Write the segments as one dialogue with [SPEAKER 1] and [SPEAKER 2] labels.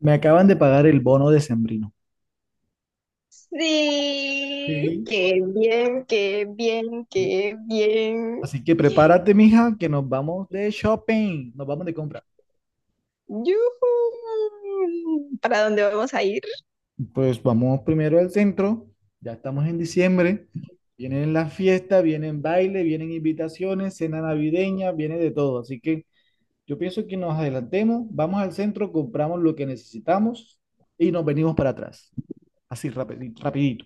[SPEAKER 1] Me acaban de pagar el bono decembrino.
[SPEAKER 2] Sí,
[SPEAKER 1] Sí,
[SPEAKER 2] qué bien, qué bien,
[SPEAKER 1] sí.
[SPEAKER 2] qué bien.
[SPEAKER 1] Así que prepárate, mija, que nos vamos de shopping, nos vamos de compra.
[SPEAKER 2] ¡Yujú! ¿Para dónde vamos a ir?
[SPEAKER 1] Pues vamos primero al centro, ya estamos en diciembre, vienen las fiestas, vienen baile, vienen invitaciones, cena navideña, viene de todo. Así que yo pienso que nos adelantemos, vamos al centro, compramos lo que necesitamos y nos venimos para atrás, así rapidito.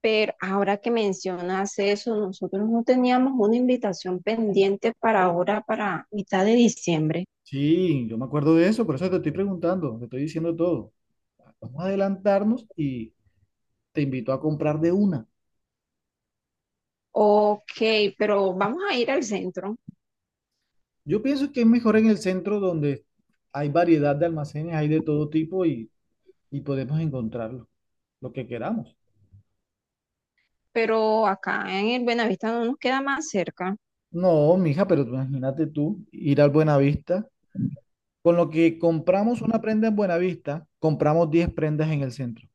[SPEAKER 2] Pero ahora que mencionas eso, nosotros no teníamos una invitación pendiente para ahora, para mitad de diciembre.
[SPEAKER 1] Sí, yo me acuerdo de eso, por eso te estoy preguntando, te estoy diciendo todo. Vamos a adelantarnos y te invito a comprar de una.
[SPEAKER 2] Ok, pero vamos a ir al centro,
[SPEAKER 1] Yo pienso que es mejor en el centro donde hay variedad de almacenes, hay de todo tipo y podemos encontrarlo lo que queramos.
[SPEAKER 2] pero acá en el Buenavista no nos queda más cerca.
[SPEAKER 1] No, mija, pero tú imagínate tú ir al Buenavista. Con lo que compramos una prenda en Buenavista, compramos 10 prendas en el centro.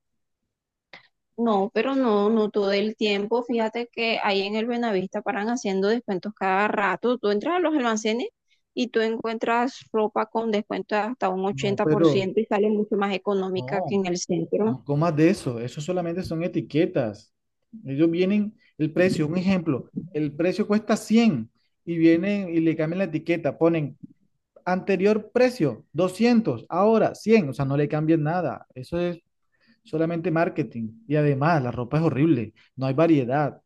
[SPEAKER 2] No, pero no, no todo el tiempo. Fíjate que ahí en el Buenavista paran haciendo descuentos cada rato. Tú entras a los almacenes y tú encuentras ropa con descuento hasta un
[SPEAKER 1] No, pero
[SPEAKER 2] 80% y sale mucho más económica que
[SPEAKER 1] no,
[SPEAKER 2] en el centro.
[SPEAKER 1] no comas de eso. Eso solamente son etiquetas. Ellos vienen, el precio, un ejemplo, el precio cuesta 100 y vienen y le cambian la etiqueta, ponen anterior precio, 200, ahora 100. O sea, no le cambien nada. Eso es solamente marketing. Y además, la ropa es horrible, no hay variedad.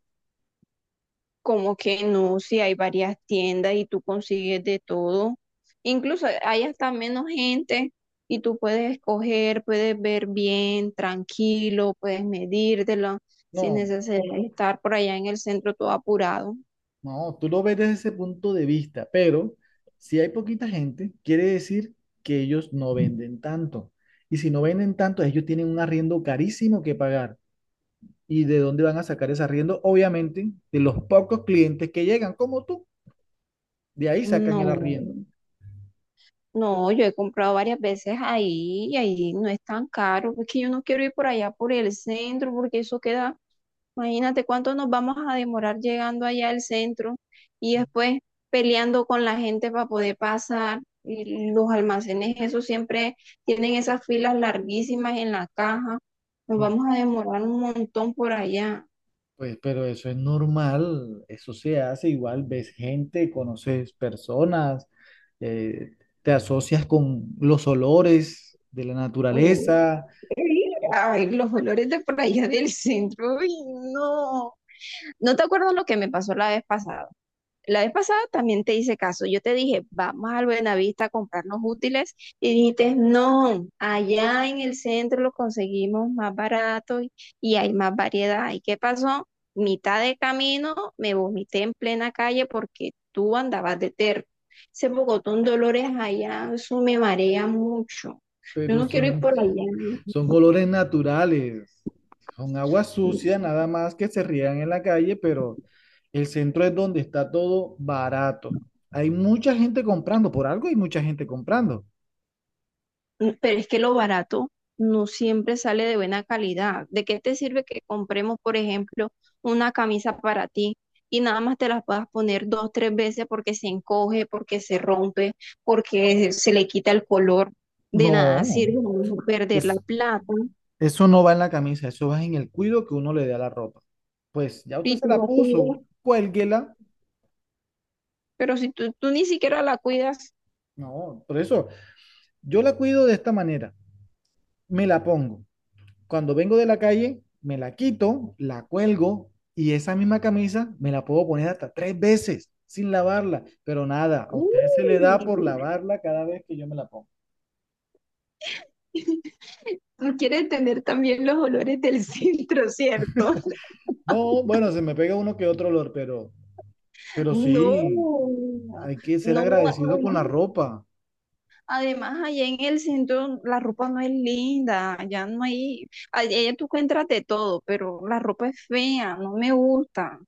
[SPEAKER 2] Como que no, si hay varias tiendas y tú consigues de todo. Incluso hay hasta menos gente y tú puedes escoger, puedes ver bien, tranquilo, puedes medírtelo sin
[SPEAKER 1] No,
[SPEAKER 2] necesidad de estar por allá en el centro todo apurado.
[SPEAKER 1] no, tú lo ves desde ese punto de vista, pero si hay poquita gente, quiere decir que ellos no venden tanto. Y si no venden tanto, ellos tienen un arriendo carísimo que pagar. ¿Y de dónde van a sacar ese arriendo? Obviamente, de los pocos clientes que llegan, como tú. De ahí sacan el
[SPEAKER 2] No,
[SPEAKER 1] arriendo.
[SPEAKER 2] no, yo he comprado varias veces ahí y ahí no es tan caro. Es que yo no quiero ir por allá por el centro porque eso queda, imagínate cuánto nos vamos a demorar llegando allá al centro y después peleando con la gente para poder pasar. Y los almacenes, eso siempre tienen esas filas larguísimas en la caja. Nos vamos a demorar un montón por allá.
[SPEAKER 1] Pues, pero eso es normal, eso se hace igual, ves gente, conoces personas, eh, te asocias con los olores de la
[SPEAKER 2] Uy,
[SPEAKER 1] naturaleza,
[SPEAKER 2] ay, los olores de por allá del centro, uy, no. ¿No te acuerdas lo que me pasó la vez pasada? La vez pasada también te hice caso. Yo te dije, vamos al Buenavista a comprarnos útiles y dijiste, no, allá en el centro lo conseguimos más barato y hay más variedad. ¿Y qué pasó? Mitad de camino me vomité en plena calle porque tú andabas de terco. Ese Bogotón Dolores allá, eso me marea mucho. Yo
[SPEAKER 1] pero
[SPEAKER 2] no quiero ir
[SPEAKER 1] son,
[SPEAKER 2] por allá.
[SPEAKER 1] son olores naturales, son aguas
[SPEAKER 2] ¿No?
[SPEAKER 1] sucias nada más que se riegan en la calle, pero el centro es donde está todo barato. Hay mucha gente comprando, por algo hay mucha gente comprando.
[SPEAKER 2] Pero es que lo barato no siempre sale de buena calidad. ¿De qué te sirve que compremos, por ejemplo, una camisa para ti y nada más te las puedas poner dos, tres veces porque se encoge, porque se rompe, porque se le quita el color? De nada
[SPEAKER 1] No,
[SPEAKER 2] sirve no perder la
[SPEAKER 1] es,
[SPEAKER 2] plata
[SPEAKER 1] eso no va en la camisa, eso va en el cuido que uno le dé a la ropa. Pues ya usted
[SPEAKER 2] y
[SPEAKER 1] se
[SPEAKER 2] tú
[SPEAKER 1] la
[SPEAKER 2] no cuidas.
[SPEAKER 1] puso, cuélguela.
[SPEAKER 2] Pero si tú ni siquiera la cuidas.
[SPEAKER 1] No, por eso yo la cuido de esta manera. Me la pongo. Cuando vengo de la calle, me la quito, la cuelgo y esa misma camisa me la puedo poner hasta tres veces sin lavarla. Pero nada, a
[SPEAKER 2] ¡Uy!
[SPEAKER 1] usted se le da por lavarla cada vez que yo me la pongo.
[SPEAKER 2] Tú quieres tener también los olores del centro, ¿cierto?
[SPEAKER 1] No, bueno, se me pega uno que otro olor, pero,
[SPEAKER 2] No,
[SPEAKER 1] sí, hay que ser
[SPEAKER 2] no.
[SPEAKER 1] agradecido con la ropa.
[SPEAKER 2] Además, allá en el centro la ropa no es linda, ya no hay, allá tú encuentras de todo, pero la ropa es fea, no me gusta.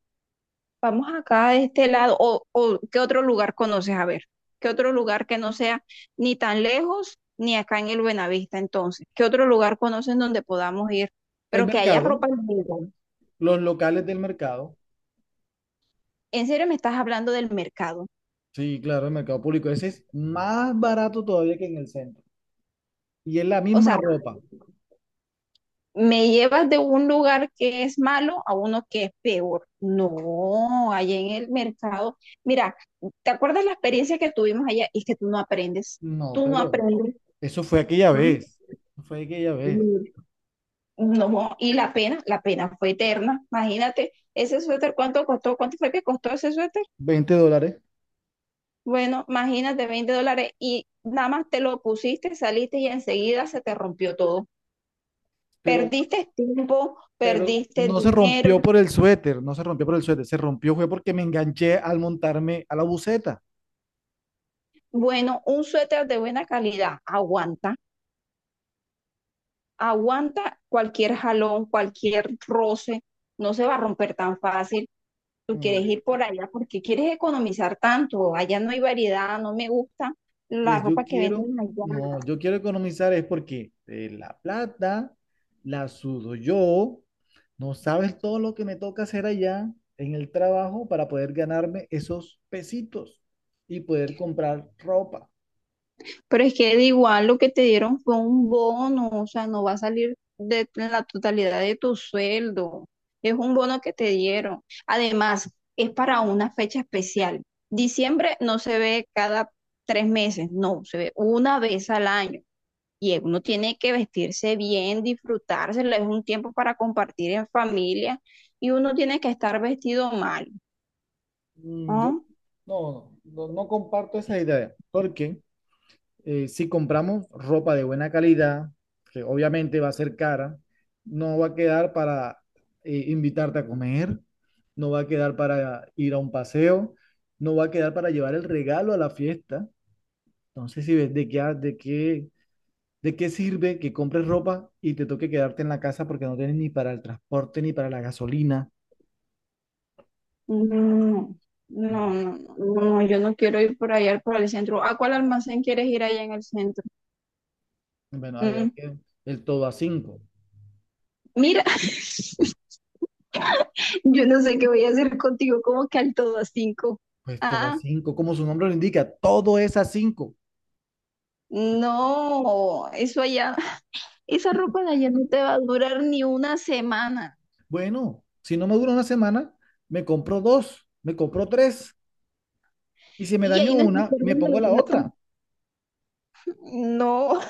[SPEAKER 2] Vamos acá de este lado, o ¿qué otro lugar conoces? A ver, ¿qué otro lugar que no sea ni tan lejos ni acá en el Buenavista entonces? ¿Qué otro lugar conoces donde podamos ir,
[SPEAKER 1] El
[SPEAKER 2] pero que haya ropa
[SPEAKER 1] mercado,
[SPEAKER 2] linda?
[SPEAKER 1] los locales del mercado.
[SPEAKER 2] ¿En serio me estás hablando del mercado?
[SPEAKER 1] Sí, claro, el mercado público. Ese es más barato todavía que en el centro. Y es la
[SPEAKER 2] O sea,
[SPEAKER 1] misma ropa.
[SPEAKER 2] me llevas de un lugar que es malo a uno que es peor. No, allá en el mercado. Mira, ¿te acuerdas la experiencia que tuvimos allá? Y que tú no aprendes,
[SPEAKER 1] No,
[SPEAKER 2] tú no
[SPEAKER 1] pero
[SPEAKER 2] aprendes.
[SPEAKER 1] eso fue aquella
[SPEAKER 2] Mm.
[SPEAKER 1] vez. Fue aquella vez.
[SPEAKER 2] No, y la pena fue eterna. Imagínate, ese suéter, ¿cuánto costó? ¿Cuánto fue que costó ese suéter?
[SPEAKER 1] $20.
[SPEAKER 2] Bueno, imagínate, 20 dólares, y nada más te lo pusiste, saliste y enseguida se te rompió todo.
[SPEAKER 1] Pero,
[SPEAKER 2] Perdiste tiempo,
[SPEAKER 1] pero
[SPEAKER 2] perdiste
[SPEAKER 1] no se
[SPEAKER 2] dinero.
[SPEAKER 1] rompió por el suéter. No se rompió por el suéter. Se rompió fue porque me enganché al montarme a la buceta.
[SPEAKER 2] Bueno, un suéter de buena calidad aguanta, aguanta cualquier jalón, cualquier roce, no se va a romper tan fácil. Tú quieres
[SPEAKER 1] Mm.
[SPEAKER 2] ir por allá porque quieres economizar tanto, allá no hay variedad, no me gusta la
[SPEAKER 1] Pues yo
[SPEAKER 2] ropa que
[SPEAKER 1] quiero,
[SPEAKER 2] venden allá.
[SPEAKER 1] no, yo quiero economizar es porque la plata la sudo yo, no sabes todo lo que me toca hacer allá en el trabajo para poder ganarme esos pesitos y poder comprar ropa.
[SPEAKER 2] Pero es que de igual lo que te dieron fue un bono, o sea, no va a salir de la totalidad de tu sueldo. Es un bono que te dieron. Además, es para una fecha especial. Diciembre no se ve cada 3 meses, no, se ve una vez al año. Y uno tiene que vestirse bien, disfrutárselo, es un tiempo para compartir en familia y uno tiene que estar vestido mal.
[SPEAKER 1] Yo
[SPEAKER 2] ¿Ah?
[SPEAKER 1] no comparto esa idea porque si compramos ropa de buena calidad, que obviamente va a ser cara, no va a quedar para invitarte a comer, no va a quedar para ir a un paseo, no va a quedar para llevar el regalo a la fiesta. Entonces, si ves de qué, ha- de qué sirve que compres ropa y te toque quedarte en la casa porque no tienes ni para el transporte ni para la gasolina.
[SPEAKER 2] No, no,
[SPEAKER 1] No.
[SPEAKER 2] no, no, no, yo no quiero ir por allá, por el centro. ¿A cuál almacén quieres ir allá en el centro?
[SPEAKER 1] Bueno, allá
[SPEAKER 2] Mm,
[SPEAKER 1] que el Todo a Cinco.
[SPEAKER 2] Mira, yo no sé qué voy a hacer contigo, como que al todo a cinco.
[SPEAKER 1] Pues Todo a
[SPEAKER 2] Ah,
[SPEAKER 1] Cinco, como su nombre lo indica, todo es a cinco.
[SPEAKER 2] no, eso allá, esa ropa de allá no te va a durar ni una semana.
[SPEAKER 1] Bueno, si no me dura una semana, me compro dos, me compro tres. Y si me
[SPEAKER 2] Y
[SPEAKER 1] daño
[SPEAKER 2] ahí no estás
[SPEAKER 1] una, me
[SPEAKER 2] perdiendo
[SPEAKER 1] pongo
[SPEAKER 2] la
[SPEAKER 1] la
[SPEAKER 2] plata.
[SPEAKER 1] otra.
[SPEAKER 2] No.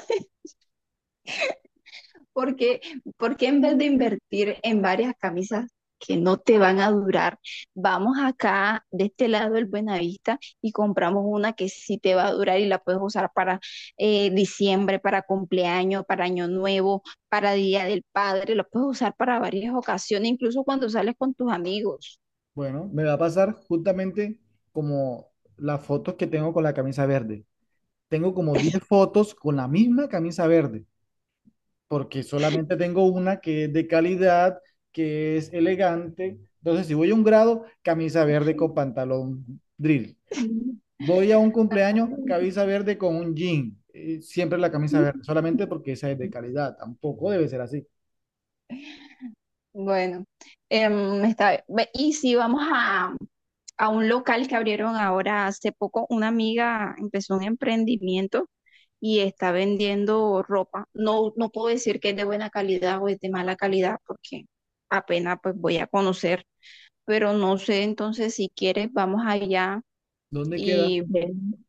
[SPEAKER 2] Porque, porque en vez de invertir en varias camisas que no te van a durar, vamos acá de este lado del Buenavista y compramos una que sí te va a durar y la puedes usar para diciembre, para cumpleaños, para año nuevo, para Día del Padre, la puedes usar para varias ocasiones, incluso cuando sales con tus amigos.
[SPEAKER 1] Bueno, me va a pasar justamente como las fotos que tengo con la camisa verde. Tengo como 10 fotos con la misma camisa verde, porque solamente tengo una que es de calidad, que es elegante. Entonces, si voy a un grado, camisa verde con pantalón drill. Voy a un cumpleaños, camisa verde con un jean. Siempre la camisa verde, solamente porque esa es de calidad. Tampoco debe ser así.
[SPEAKER 2] Bueno, está bien. Y si vamos a, un local que abrieron ahora hace poco. Una amiga empezó un emprendimiento y está vendiendo ropa. No, no puedo decir que es de buena calidad o es de mala calidad porque apenas pues voy a conocer, pero no sé, entonces si quieres vamos allá
[SPEAKER 1] ¿Dónde queda?
[SPEAKER 2] y ven.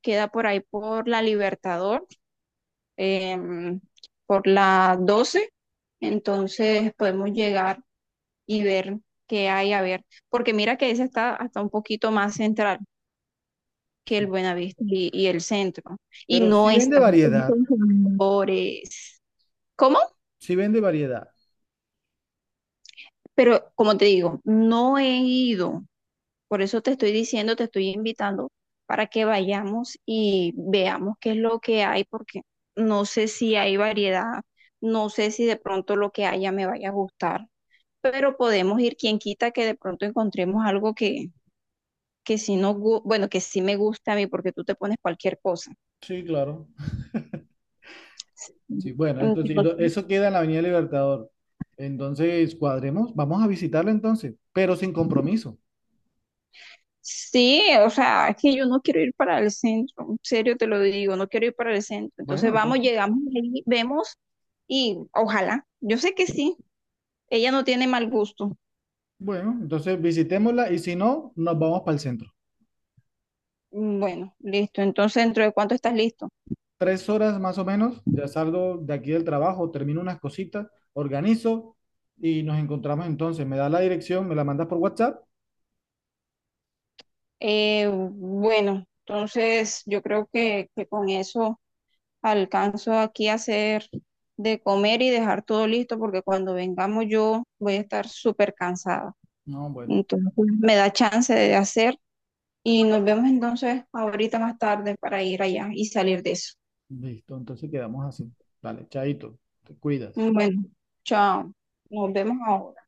[SPEAKER 2] Queda por ahí por la Libertador, em, por la 12, entonces podemos llegar y ver qué hay a ver, porque mira que esa está hasta un poquito más central que el
[SPEAKER 1] Sí.
[SPEAKER 2] Buenavista y el centro. Y
[SPEAKER 1] Pero
[SPEAKER 2] no
[SPEAKER 1] si vende
[SPEAKER 2] están
[SPEAKER 1] variedad,
[SPEAKER 2] esos jugadores. ¿Cómo?
[SPEAKER 1] si vende variedad.
[SPEAKER 2] Pero como te digo, no he ido. Por eso te estoy diciendo, te estoy invitando para que vayamos y veamos qué es lo que hay, porque no sé si hay variedad, no sé si de pronto lo que haya me vaya a gustar, pero podemos ir, quien quita que de pronto encontremos algo que sí no, bueno, que sí me gusta a mí, porque tú te pones cualquier cosa.
[SPEAKER 1] Sí, claro. Sí, bueno,
[SPEAKER 2] Entonces,
[SPEAKER 1] entonces eso queda en la Avenida Libertador. Entonces, cuadremos, vamos a visitarla entonces, pero sin compromiso.
[SPEAKER 2] sí, o sea, es que yo no quiero ir para el centro, en serio te lo digo, no quiero ir para el centro. Entonces
[SPEAKER 1] Bueno,
[SPEAKER 2] vamos,
[SPEAKER 1] entonces,
[SPEAKER 2] llegamos ahí, vemos y ojalá, yo sé que sí, ella no tiene mal gusto.
[SPEAKER 1] bueno, entonces, visitémosla y si no, nos vamos para el centro.
[SPEAKER 2] Mm. Bueno, listo, entonces ¿dentro de cuánto estás listo?
[SPEAKER 1] 3 horas más o menos, ya salgo de aquí del trabajo, termino unas cositas, organizo y nos encontramos entonces. Me da la dirección, me la mandas por WhatsApp.
[SPEAKER 2] Bueno, entonces yo creo que con eso alcanzo aquí a hacer de comer y dejar todo listo porque cuando vengamos yo voy a estar súper cansada.
[SPEAKER 1] No, bueno,
[SPEAKER 2] Entonces me da chance de hacer. Y nos vemos entonces ahorita más tarde para ir allá y salir de eso.
[SPEAKER 1] listo, entonces quedamos así. Vale, chaito, te cuidas.
[SPEAKER 2] Bueno, chao. Nos vemos ahora.